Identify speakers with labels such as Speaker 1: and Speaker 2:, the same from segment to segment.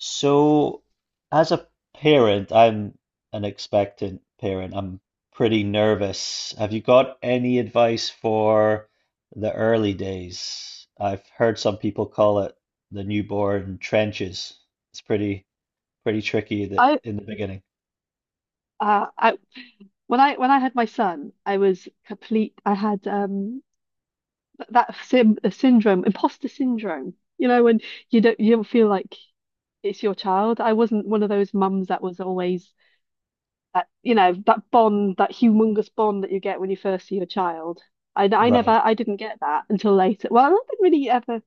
Speaker 1: So, as a parent, I'm an expectant parent. I'm pretty nervous. Have you got any advice for the early days? I've heard some people call it the newborn trenches. It's pretty tricky that
Speaker 2: I
Speaker 1: in the beginning.
Speaker 2: I When I had my son, I was complete. I had th- that sim syndrome, imposter syndrome. You know, when you don't feel like it's your child. I wasn't one of those mums that was always that you know that bond, that humongous bond that you get when you first see your child. I I never
Speaker 1: Right.
Speaker 2: I didn't get that until later. Well, I didn't really ever.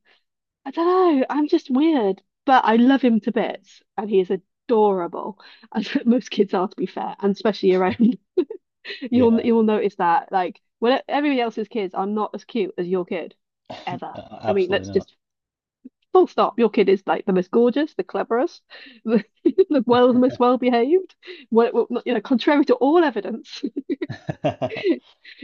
Speaker 2: I don't know. I'm just weird, but I love him to bits, and he is adorable, as most kids are, to be fair, and especially around. You'll
Speaker 1: Yeah.
Speaker 2: you'll notice that like when everybody else's kids are not as cute as your kid ever. I mean,
Speaker 1: Absolutely
Speaker 2: let's
Speaker 1: not.
Speaker 2: just full stop. Your kid is like the most gorgeous, the cleverest, the the most well behaved. Well, you know, contrary to all evidence, he,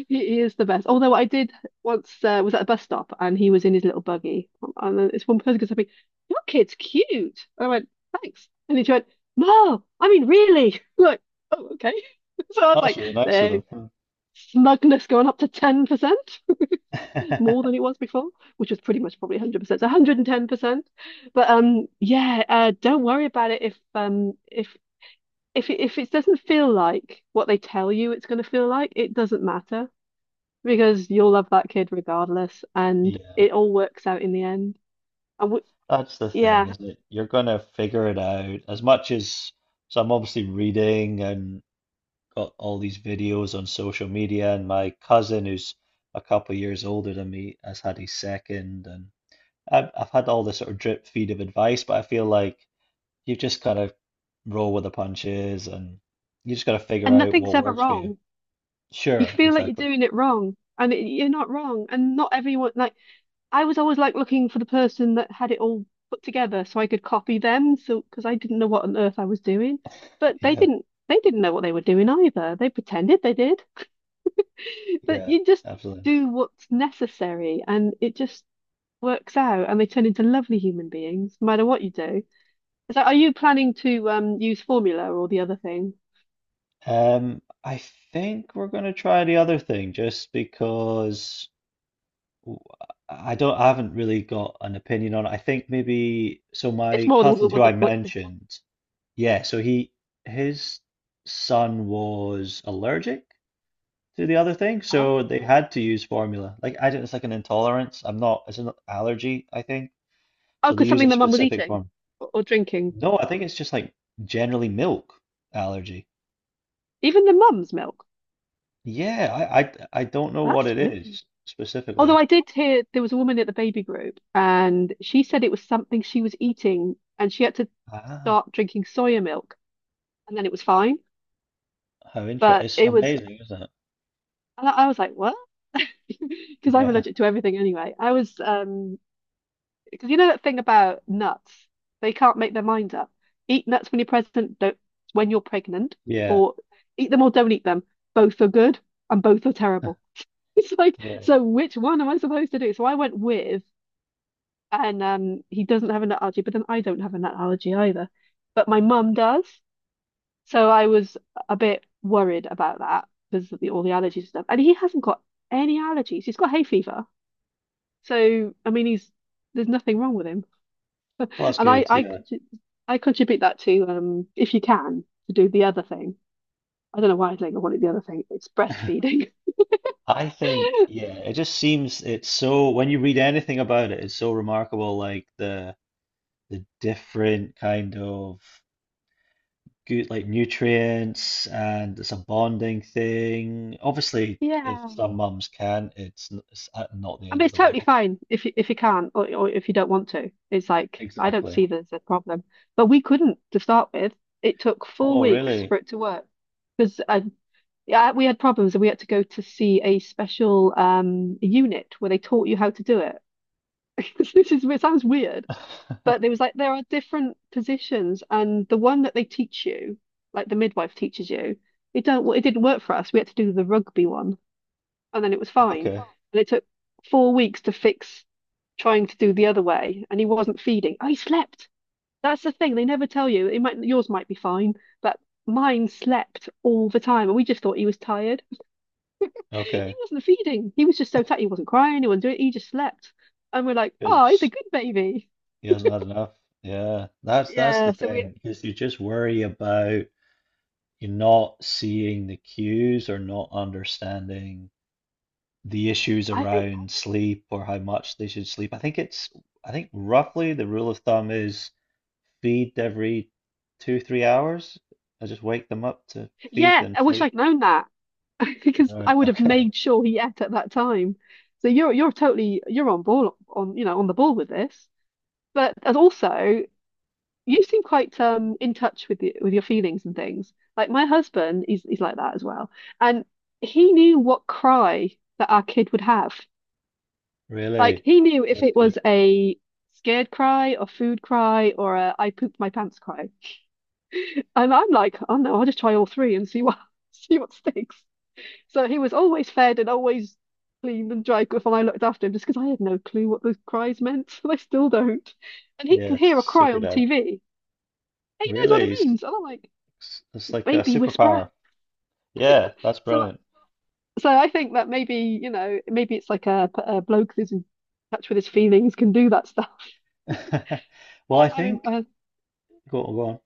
Speaker 2: he is the best. Although I did once was at a bus stop and he was in his little buggy, and then this one person goes to me, "Your kid's cute," and I went, "Thanks," and he went, "No, I mean really." Like, oh, okay. So I was
Speaker 1: That's
Speaker 2: like,
Speaker 1: really nice of
Speaker 2: there,
Speaker 1: them.
Speaker 2: smugness going up to 10%, more than it was before, which was pretty much probably 100%, so 110%. But don't worry about it if if it doesn't feel like what they tell you it's going to feel like, it doesn't matter because you'll love that kid regardless, and
Speaker 1: Yeah.
Speaker 2: it all works out in the end. And w
Speaker 1: That's the thing,
Speaker 2: yeah,
Speaker 1: isn't it? You're gonna figure it out as much as so I'm obviously reading and got all these videos on social media and my cousin who's a couple of years older than me has had his second and I've had all this sort of drip feed of advice, but I feel like you just gotta roll with the punches and you just gotta figure
Speaker 2: and
Speaker 1: out what
Speaker 2: nothing's ever
Speaker 1: works for you.
Speaker 2: wrong. You
Speaker 1: Sure,
Speaker 2: feel like you're
Speaker 1: exactly.
Speaker 2: doing it wrong, and you're not wrong, and not everyone like I was always like looking for the person that had it all put together so I could copy them. So because I didn't know what on earth I was doing, but they
Speaker 1: Yeah,
Speaker 2: didn't they didn't know what they were doing either. They pretended they did, but
Speaker 1: yeah,
Speaker 2: you just
Speaker 1: absolutely.
Speaker 2: do what's necessary and it just works out and they turn into lovely human beings no matter what you do. So are you planning to use formula or the other thing?
Speaker 1: I think we're gonna try the other thing just because w- I don't, I haven't really got an opinion on it. I think maybe, so
Speaker 2: It's
Speaker 1: my
Speaker 2: more the
Speaker 1: cousin who I
Speaker 2: what the
Speaker 1: mentioned, yeah, so he, his son was allergic to the other thing,
Speaker 2: huh?
Speaker 1: so they had to use formula. Like, I don't, it's like an intolerance. I'm not, it's an allergy, I think.
Speaker 2: Oh,
Speaker 1: So they
Speaker 2: because
Speaker 1: use
Speaker 2: something
Speaker 1: a
Speaker 2: the mum was
Speaker 1: specific
Speaker 2: eating
Speaker 1: form.
Speaker 2: or drinking.
Speaker 1: No, I think it's just like generally milk allergy.
Speaker 2: Even the mum's milk.
Speaker 1: Yeah, I don't know what
Speaker 2: That's
Speaker 1: it
Speaker 2: weird.
Speaker 1: is
Speaker 2: Although
Speaker 1: specifically.
Speaker 2: I did hear there was a woman at the baby group and she said it was something she was eating and she had to
Speaker 1: Ah,
Speaker 2: start drinking soya milk and then it was fine.
Speaker 1: how interesting.
Speaker 2: But
Speaker 1: It's
Speaker 2: it was,
Speaker 1: amazing, isn't it?
Speaker 2: and I was like, what? Because I'm
Speaker 1: Yeah,
Speaker 2: allergic to everything anyway. I was, because you know that thing about nuts, they can't make their minds up. Eat nuts when you're pregnant, don't when you're pregnant,
Speaker 1: yeah.
Speaker 2: or eat them or don't eat them. Both are good and both are terrible. It's like,
Speaker 1: Yeah.
Speaker 2: so which one am I supposed to do? So I went with and he doesn't have a nut allergy, but then I don't have a nut allergy either. But my mum does, so I was a bit worried about that because of all the allergies and stuff. And he hasn't got any allergies. He's got hay fever, so I mean, he's there's nothing wrong with him.
Speaker 1: Well, that's
Speaker 2: And
Speaker 1: good. Yeah.
Speaker 2: I contribute that to if you can to do the other thing. I don't know why I think I wanted the other thing. It's breastfeeding.
Speaker 1: I think, yeah, it just seems it's so, when you read anything about it, it's so remarkable, like the different kind of good, like nutrients, and it's a bonding thing. Obviously, if
Speaker 2: Yeah.
Speaker 1: some mums can't, it's, it's not the
Speaker 2: I
Speaker 1: end
Speaker 2: mean,
Speaker 1: of
Speaker 2: it's
Speaker 1: the
Speaker 2: totally
Speaker 1: world.
Speaker 2: fine if you can't or if you don't want to. It's like, I don't
Speaker 1: Exactly.
Speaker 2: see there's a problem. But we couldn't to start with. It took four
Speaker 1: Oh,
Speaker 2: weeks
Speaker 1: really?
Speaker 2: for it to work because yeah, we had problems and we had to go to see a special unit where they taught you how to do it. It sounds weird, but there was like, there are different positions and the one that they teach you, like the midwife teaches you, it didn't work for us. We had to do the rugby one and then it was fine.
Speaker 1: Okay.
Speaker 2: And it took four weeks to fix trying to do the other way and he wasn't feeding. I slept. That's the thing. They never tell you. It might yours might be fine, but mine slept all the time and we just thought he was tired. He
Speaker 1: Okay.
Speaker 2: wasn't feeding. He was just so tired. He wasn't crying, he wasn't doing it, he just slept. And we're like, oh, he's a
Speaker 1: Because
Speaker 2: good baby.
Speaker 1: he hasn't had enough. Yeah. That's the
Speaker 2: Yeah, so we
Speaker 1: thing, because you just worry about. You're not seeing the cues or not understanding the issues
Speaker 2: I think
Speaker 1: around sleep or how much they should sleep. I think roughly the rule of thumb is feed every two, 3 hours. I just wake them up to feed
Speaker 2: yeah,
Speaker 1: them
Speaker 2: I wish
Speaker 1: sleep.
Speaker 2: I'd known that because
Speaker 1: Right.
Speaker 2: I would have
Speaker 1: Okay.
Speaker 2: made sure he ate at that time. So you're on ball on you know on the ball with this. But as also you seem quite in touch with the, with your feelings and things. Like my husband, he's like that as well. And he knew what cry that our kid would have. Like
Speaker 1: Really?
Speaker 2: he knew if
Speaker 1: That's
Speaker 2: it
Speaker 1: good.
Speaker 2: was a scared cry or food cry or a I pooped my pants cry. And I'm like, oh no, I'll just try all three and see what see what sticks. So he was always fed and always clean and dry goods, and I looked after him just because I had no clue what those cries meant. I still don't. And he can
Speaker 1: Yes.
Speaker 2: hear a cry
Speaker 1: Super
Speaker 2: on
Speaker 1: dad.
Speaker 2: TV. And he knows what it
Speaker 1: Really?
Speaker 2: means. And I'm like,
Speaker 1: It's like a
Speaker 2: baby whisperer.
Speaker 1: superpower. Yeah. That's
Speaker 2: So,
Speaker 1: brilliant.
Speaker 2: so I think that maybe, you know, maybe it's like a bloke who's in touch with his feelings can do that stuff.
Speaker 1: Well,
Speaker 2: I,
Speaker 1: I
Speaker 2: I mean,
Speaker 1: think,
Speaker 2: uh,
Speaker 1: go on.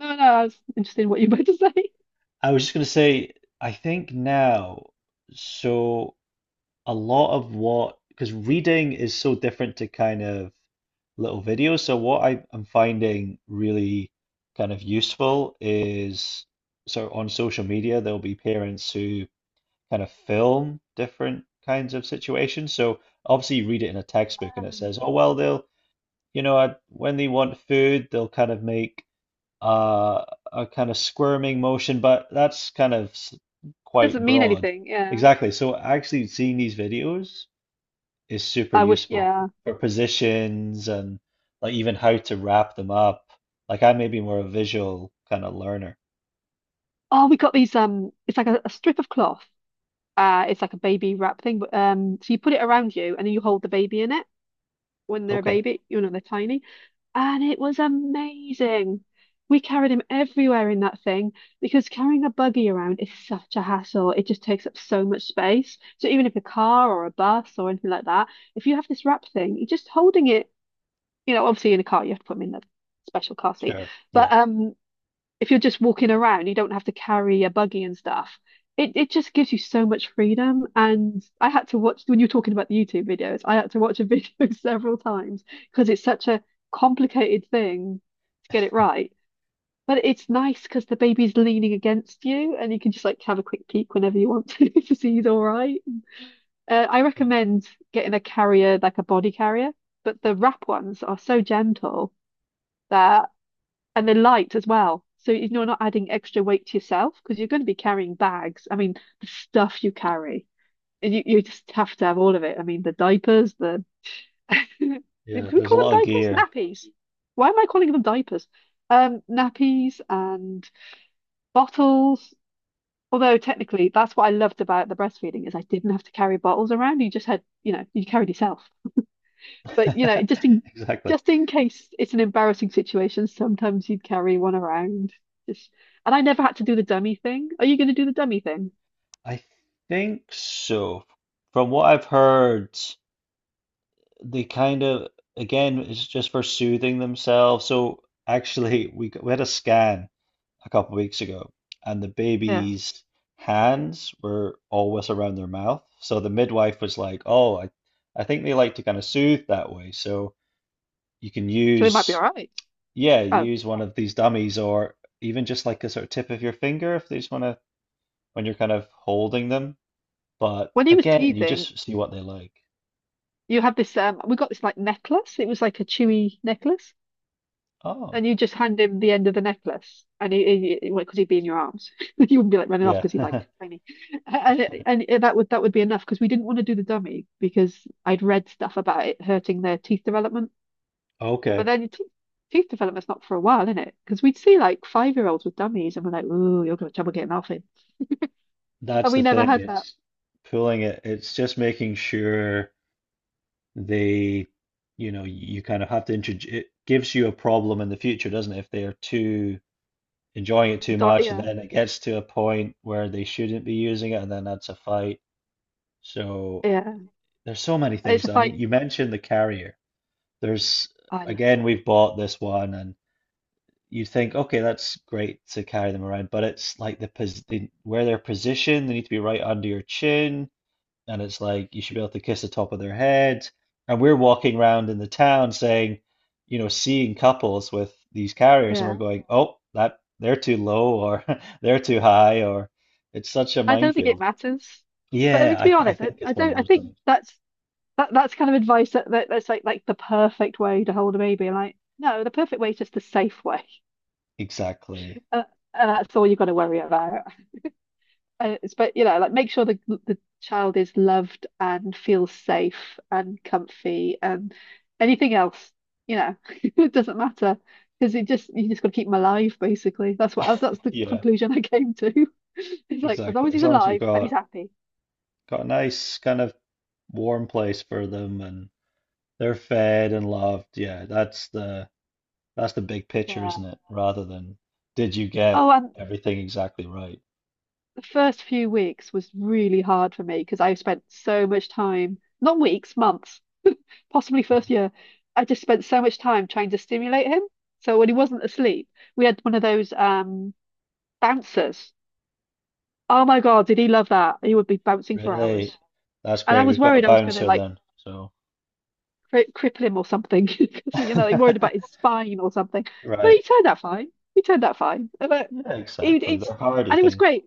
Speaker 2: no, no, I was interested in what you were about to say.
Speaker 1: I was just going to say, I think now, so a lot of what, because reading is so different to kind of little videos. So what I, I'm finding really kind of useful is so on social media, there'll be parents who kind of film different kinds of situations. So obviously you read it in a textbook and it
Speaker 2: Um,
Speaker 1: says, oh, well, they'll, you know, I, when they want food, they'll kind of make uh, a kind of squirming motion, but that's quite
Speaker 2: doesn't mean
Speaker 1: broad.
Speaker 2: anything. Yeah.
Speaker 1: Exactly. So actually seeing these videos is super
Speaker 2: I wish,
Speaker 1: useful
Speaker 2: yeah.
Speaker 1: for positions and like even how to wrap them up. Like I may be more a visual kind of learner.
Speaker 2: Oh, we got these, it's like a strip of cloth. It's like a baby wrap thing, but so you put it around you and then you hold the baby in it. When they're a
Speaker 1: Okay,
Speaker 2: baby, you know, they're tiny. And it was amazing. We carried him everywhere in that thing because carrying a buggy around is such a hassle. It just takes up so much space. So even if a car or a bus or anything like that, if you have this wrap thing, you're just holding it, you know, obviously in a car, you have to put him in the special car seat.
Speaker 1: sure. Yeah.
Speaker 2: But if you're just walking around, you don't have to carry a buggy and stuff. It just gives you so much freedom. And I had to watch when you're talking about the YouTube videos, I had to watch a video several times because it's such a complicated thing to get it right. But it's nice because the baby's leaning against you and you can just like have a quick peek whenever you want to to see he's all right. I
Speaker 1: Y-
Speaker 2: recommend getting a carrier, like a body carrier, but the wrap ones are so gentle that and they're light as well. So you- are not adding extra weight to yourself because you're going to be carrying bags. I mean, the stuff you carry, you just have to have all of it. I mean, the diapers, the do
Speaker 1: Yeah,
Speaker 2: we
Speaker 1: there's a
Speaker 2: call them
Speaker 1: lot of
Speaker 2: diapers?
Speaker 1: gear.
Speaker 2: Nappies. Why am I calling them diapers? Nappies and bottles. Although technically, that's what I loved about the breastfeeding is I didn't have to carry bottles around. You just had, you know, you carried yourself. But you know,
Speaker 1: Exactly.
Speaker 2: just in case it's an embarrassing situation, sometimes you'd carry one around. Just and I never had to do the dummy thing. Are you going to do the dummy thing?
Speaker 1: I think so. From what I've heard, they kind of again it's just for soothing themselves. So actually, we had a scan a couple of weeks ago, and the
Speaker 2: Yeah.
Speaker 1: baby's hands were always around their mouth. So the midwife was like, "Oh, I think they like to kind of soothe that way. So you can
Speaker 2: So they might be all
Speaker 1: use
Speaker 2: right.
Speaker 1: yeah,
Speaker 2: Oh,
Speaker 1: use one of these dummies or even just like a sort of tip of your finger if they just want to when you're kind of holding them. But
Speaker 2: when he was
Speaker 1: again, you
Speaker 2: teething,
Speaker 1: just see what they like.
Speaker 2: you have this we got this like necklace. It was like a chewy necklace.
Speaker 1: Oh,
Speaker 2: And you just hand him the end of the necklace, and 'cause he'd be in your arms. You wouldn't be like running off
Speaker 1: yeah.
Speaker 2: because he's like tiny, and and that would be enough because we didn't want to do the dummy because I'd read stuff about it hurting their teeth development. But
Speaker 1: Okay.
Speaker 2: then teeth development's not for a while, is it? Because we'd see like 5 year olds with dummies and we're like, ooh, you're gonna have trouble getting off in. And
Speaker 1: That's the
Speaker 2: we never
Speaker 1: thing.
Speaker 2: had that.
Speaker 1: It's pulling it. It's just making sure they, you know, you kind of have to introduce. It gives you a problem in the future, doesn't it? If they are too enjoying it too
Speaker 2: Do-
Speaker 1: much, and
Speaker 2: yeah,
Speaker 1: then it gets to a point where they shouldn't be using it, and then that's a fight. So
Speaker 2: yeah.
Speaker 1: there's so many
Speaker 2: It's
Speaker 1: things.
Speaker 2: a
Speaker 1: I mean,
Speaker 2: fight.
Speaker 1: you mentioned the carrier. There's
Speaker 2: I l-
Speaker 1: again, we've bought this one, and you think, okay, that's great to carry them around, but it's like where they're positioned. They need to be right under your chin and it's like you should be able to kiss the top of their head. And we're walking around in the town saying, you know, seeing couples with these carriers, and we're
Speaker 2: yeah.
Speaker 1: going, oh, that they're too low or they're too high, or it's such a
Speaker 2: I don't think it
Speaker 1: minefield.
Speaker 2: matters. But I
Speaker 1: Yeah,
Speaker 2: mean to
Speaker 1: I
Speaker 2: be
Speaker 1: I
Speaker 2: honest,
Speaker 1: think
Speaker 2: I
Speaker 1: it's one of
Speaker 2: don't I
Speaker 1: those
Speaker 2: think
Speaker 1: things.
Speaker 2: that that's kind of advice that that's like the perfect way to hold a baby. Like, no, the perfect way is just the safe way.
Speaker 1: Exactly.
Speaker 2: Uh, and that's all you've got to worry about. And but you know like make sure the child is loved and feels safe and comfy and anything else you know it doesn't matter because it just you just got to keep him alive basically. That's what that's the
Speaker 1: Yeah,
Speaker 2: conclusion I came to. It's like as long
Speaker 1: exactly.
Speaker 2: as
Speaker 1: As
Speaker 2: he's
Speaker 1: long as you've
Speaker 2: alive and he's happy.
Speaker 1: got a nice kind of warm place for them and they're fed and loved, yeah, that's the big picture,
Speaker 2: Yeah,
Speaker 1: isn't it? Rather than did you get
Speaker 2: oh, and
Speaker 1: everything exactly right?
Speaker 2: the first few weeks was really hard for me because I spent so much time, not weeks, months, possibly first year, I just spent so much time trying to stimulate him. So when he wasn't asleep, we had one of those bouncers. Oh my God, did he love that? He would be bouncing for
Speaker 1: Really?
Speaker 2: hours.
Speaker 1: That's
Speaker 2: And I
Speaker 1: great.
Speaker 2: was
Speaker 1: We've got a
Speaker 2: worried I was going to
Speaker 1: bouncer
Speaker 2: like
Speaker 1: then. So,
Speaker 2: cripple him or something because you know they worried about his spine or something. But
Speaker 1: right.
Speaker 2: he turned out fine. He turned out fine. But
Speaker 1: Yeah,
Speaker 2: he,
Speaker 1: exactly.
Speaker 2: it's,
Speaker 1: They're hardy
Speaker 2: and it was
Speaker 1: things.
Speaker 2: great.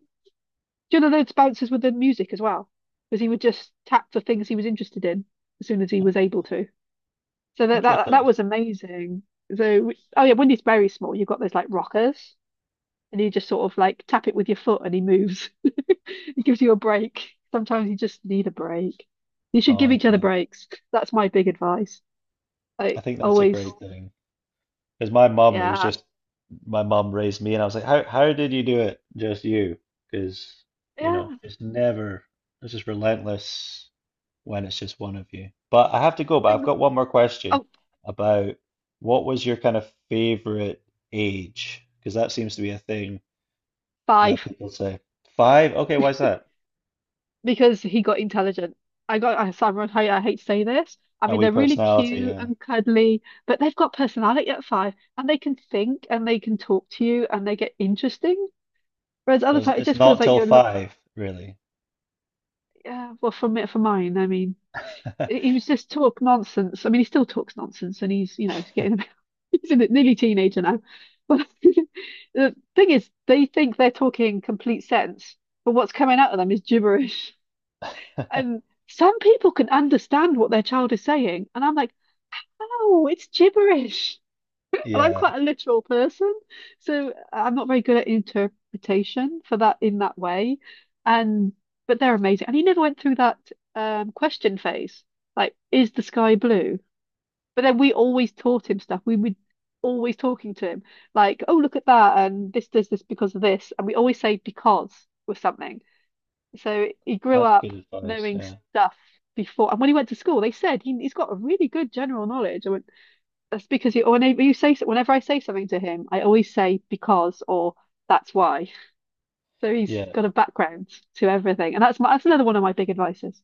Speaker 2: Do you know those bouncers with the music as well? Because he would just tap for things he was interested in as soon as he
Speaker 1: Yeah.
Speaker 2: was able to. So that
Speaker 1: Interesting.
Speaker 2: was amazing. So, oh yeah, when he's very small, you've got those like rockers, and you just sort of like tap it with your foot, and he moves. It gives you a break. Sometimes you just need a break. You should
Speaker 1: Oh,
Speaker 2: give each other
Speaker 1: yeah.
Speaker 2: breaks. That's my big advice. I
Speaker 1: I think that's a great
Speaker 2: always,
Speaker 1: thing. Because my mum, it was
Speaker 2: yeah,
Speaker 1: just my mum raised me, and I was like, how did you do it? Just you. Because, you know,
Speaker 2: yeah.
Speaker 1: it's never, it's just relentless when it's just one of you. But I have to go, but
Speaker 2: Think,
Speaker 1: I've got one more question
Speaker 2: oh,
Speaker 1: about what was your kind of favorite age? Because that seems to be a thing. That
Speaker 2: five,
Speaker 1: people say. Five? Okay, why is that?
Speaker 2: because he got intelligent. Simon, I hate to say this. I
Speaker 1: A
Speaker 2: mean,
Speaker 1: wee
Speaker 2: they're really
Speaker 1: personality,
Speaker 2: cute
Speaker 1: yeah.
Speaker 2: and cuddly, but they've got personality at five, and they can think and they can talk to you and they get interesting. Whereas other
Speaker 1: Does
Speaker 2: times it
Speaker 1: it's
Speaker 2: just feels
Speaker 1: not
Speaker 2: like
Speaker 1: till
Speaker 2: you're look.
Speaker 1: five, really.
Speaker 2: Yeah, well, for it for mine, I mean he was just talk nonsense. I mean he still talks nonsense and he's you know he's getting a bit he's in it, nearly teenager now. But the thing is they think they're talking complete sense, but what's coming out of them is gibberish. And some people can understand what their child is saying, and I'm like, oh, it's gibberish. And I'm
Speaker 1: Yeah,
Speaker 2: quite a literal person, so I'm not very good at interpretation for that in that way. And but they're amazing. And he never went through that question phase, like, is the sky blue? But then we always taught him stuff. We would always talking to him, like, oh, look at that, and this does this because of this. And we always say because with something. So he grew
Speaker 1: that's good
Speaker 2: up
Speaker 1: advice.
Speaker 2: knowing
Speaker 1: Yeah.
Speaker 2: stuff before. And when he went to school, they said he, he's got a really good general knowledge. I went, that's because you, whenever you say, whenever I say something to him, I always say because or that's why. So he's
Speaker 1: Yeah.
Speaker 2: got a background to everything, and that's my, that's another one of my big advices.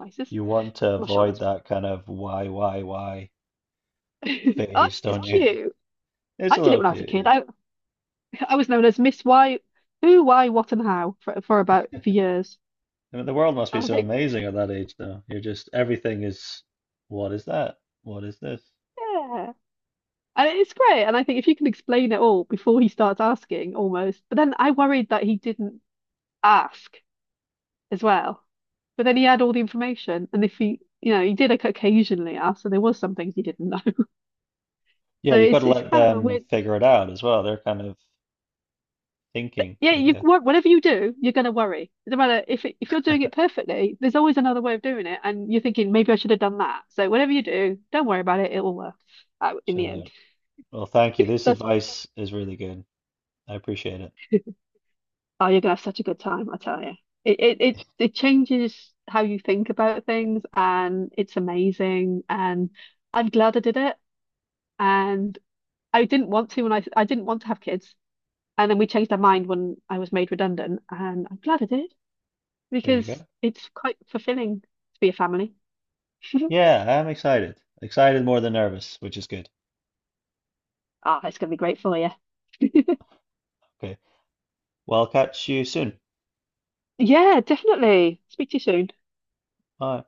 Speaker 2: Advices?
Speaker 1: You want to
Speaker 2: I'm not sure
Speaker 1: avoid
Speaker 2: that's.
Speaker 1: that kind of why
Speaker 2: I think
Speaker 1: phase,
Speaker 2: it's
Speaker 1: don't you?
Speaker 2: cute.
Speaker 1: It's
Speaker 2: I
Speaker 1: a
Speaker 2: did it
Speaker 1: little
Speaker 2: when I was a
Speaker 1: cute,
Speaker 2: kid.
Speaker 1: yeah.
Speaker 2: I was known as Miss Why, Who, Why, What, and How for about for years.
Speaker 1: I mean, the world must be
Speaker 2: And I
Speaker 1: so
Speaker 2: think,
Speaker 1: amazing at that age, though. You're just, everything is, what is that? What is this?
Speaker 2: yeah, and it's great. And I think if you can explain it all before he starts asking, almost. But then I worried that he didn't ask as well. But then he had all the information, and if he, you know, he did occasionally ask, so there was some things he didn't know.
Speaker 1: Yeah,
Speaker 2: So
Speaker 1: you've got
Speaker 2: it's
Speaker 1: to
Speaker 2: it's
Speaker 1: let
Speaker 2: kind of a
Speaker 1: them
Speaker 2: weird.
Speaker 1: figure it out as well. They're kind of
Speaker 2: But
Speaker 1: thinking,
Speaker 2: yeah,
Speaker 1: I guess.
Speaker 2: whatever you do, you're going to worry. No matter if it, if you're doing it perfectly, there's always another way of doing it, and you're thinking maybe I should have done that. So whatever you do, don't worry about it. It will work out in the
Speaker 1: Chill out.
Speaker 2: end.
Speaker 1: Well, thank you. This
Speaker 2: That's,
Speaker 1: advice is really good. I appreciate it.
Speaker 2: oh, you're gonna have such a good time, I tell you. It changes how you think about things, and it's amazing. And I'm glad I did it. And I didn't want to when I didn't want to have kids, and then we changed our mind when I was made redundant, and I'm glad I did
Speaker 1: There you
Speaker 2: because
Speaker 1: go.
Speaker 2: it's quite fulfilling to be a family.
Speaker 1: Yeah, I'm excited. Excited more than nervous, which is good.
Speaker 2: Ah, it's gonna be great for you.
Speaker 1: Okay. Well, I'll catch you soon.
Speaker 2: Yeah, definitely. Speak to you soon.
Speaker 1: Bye.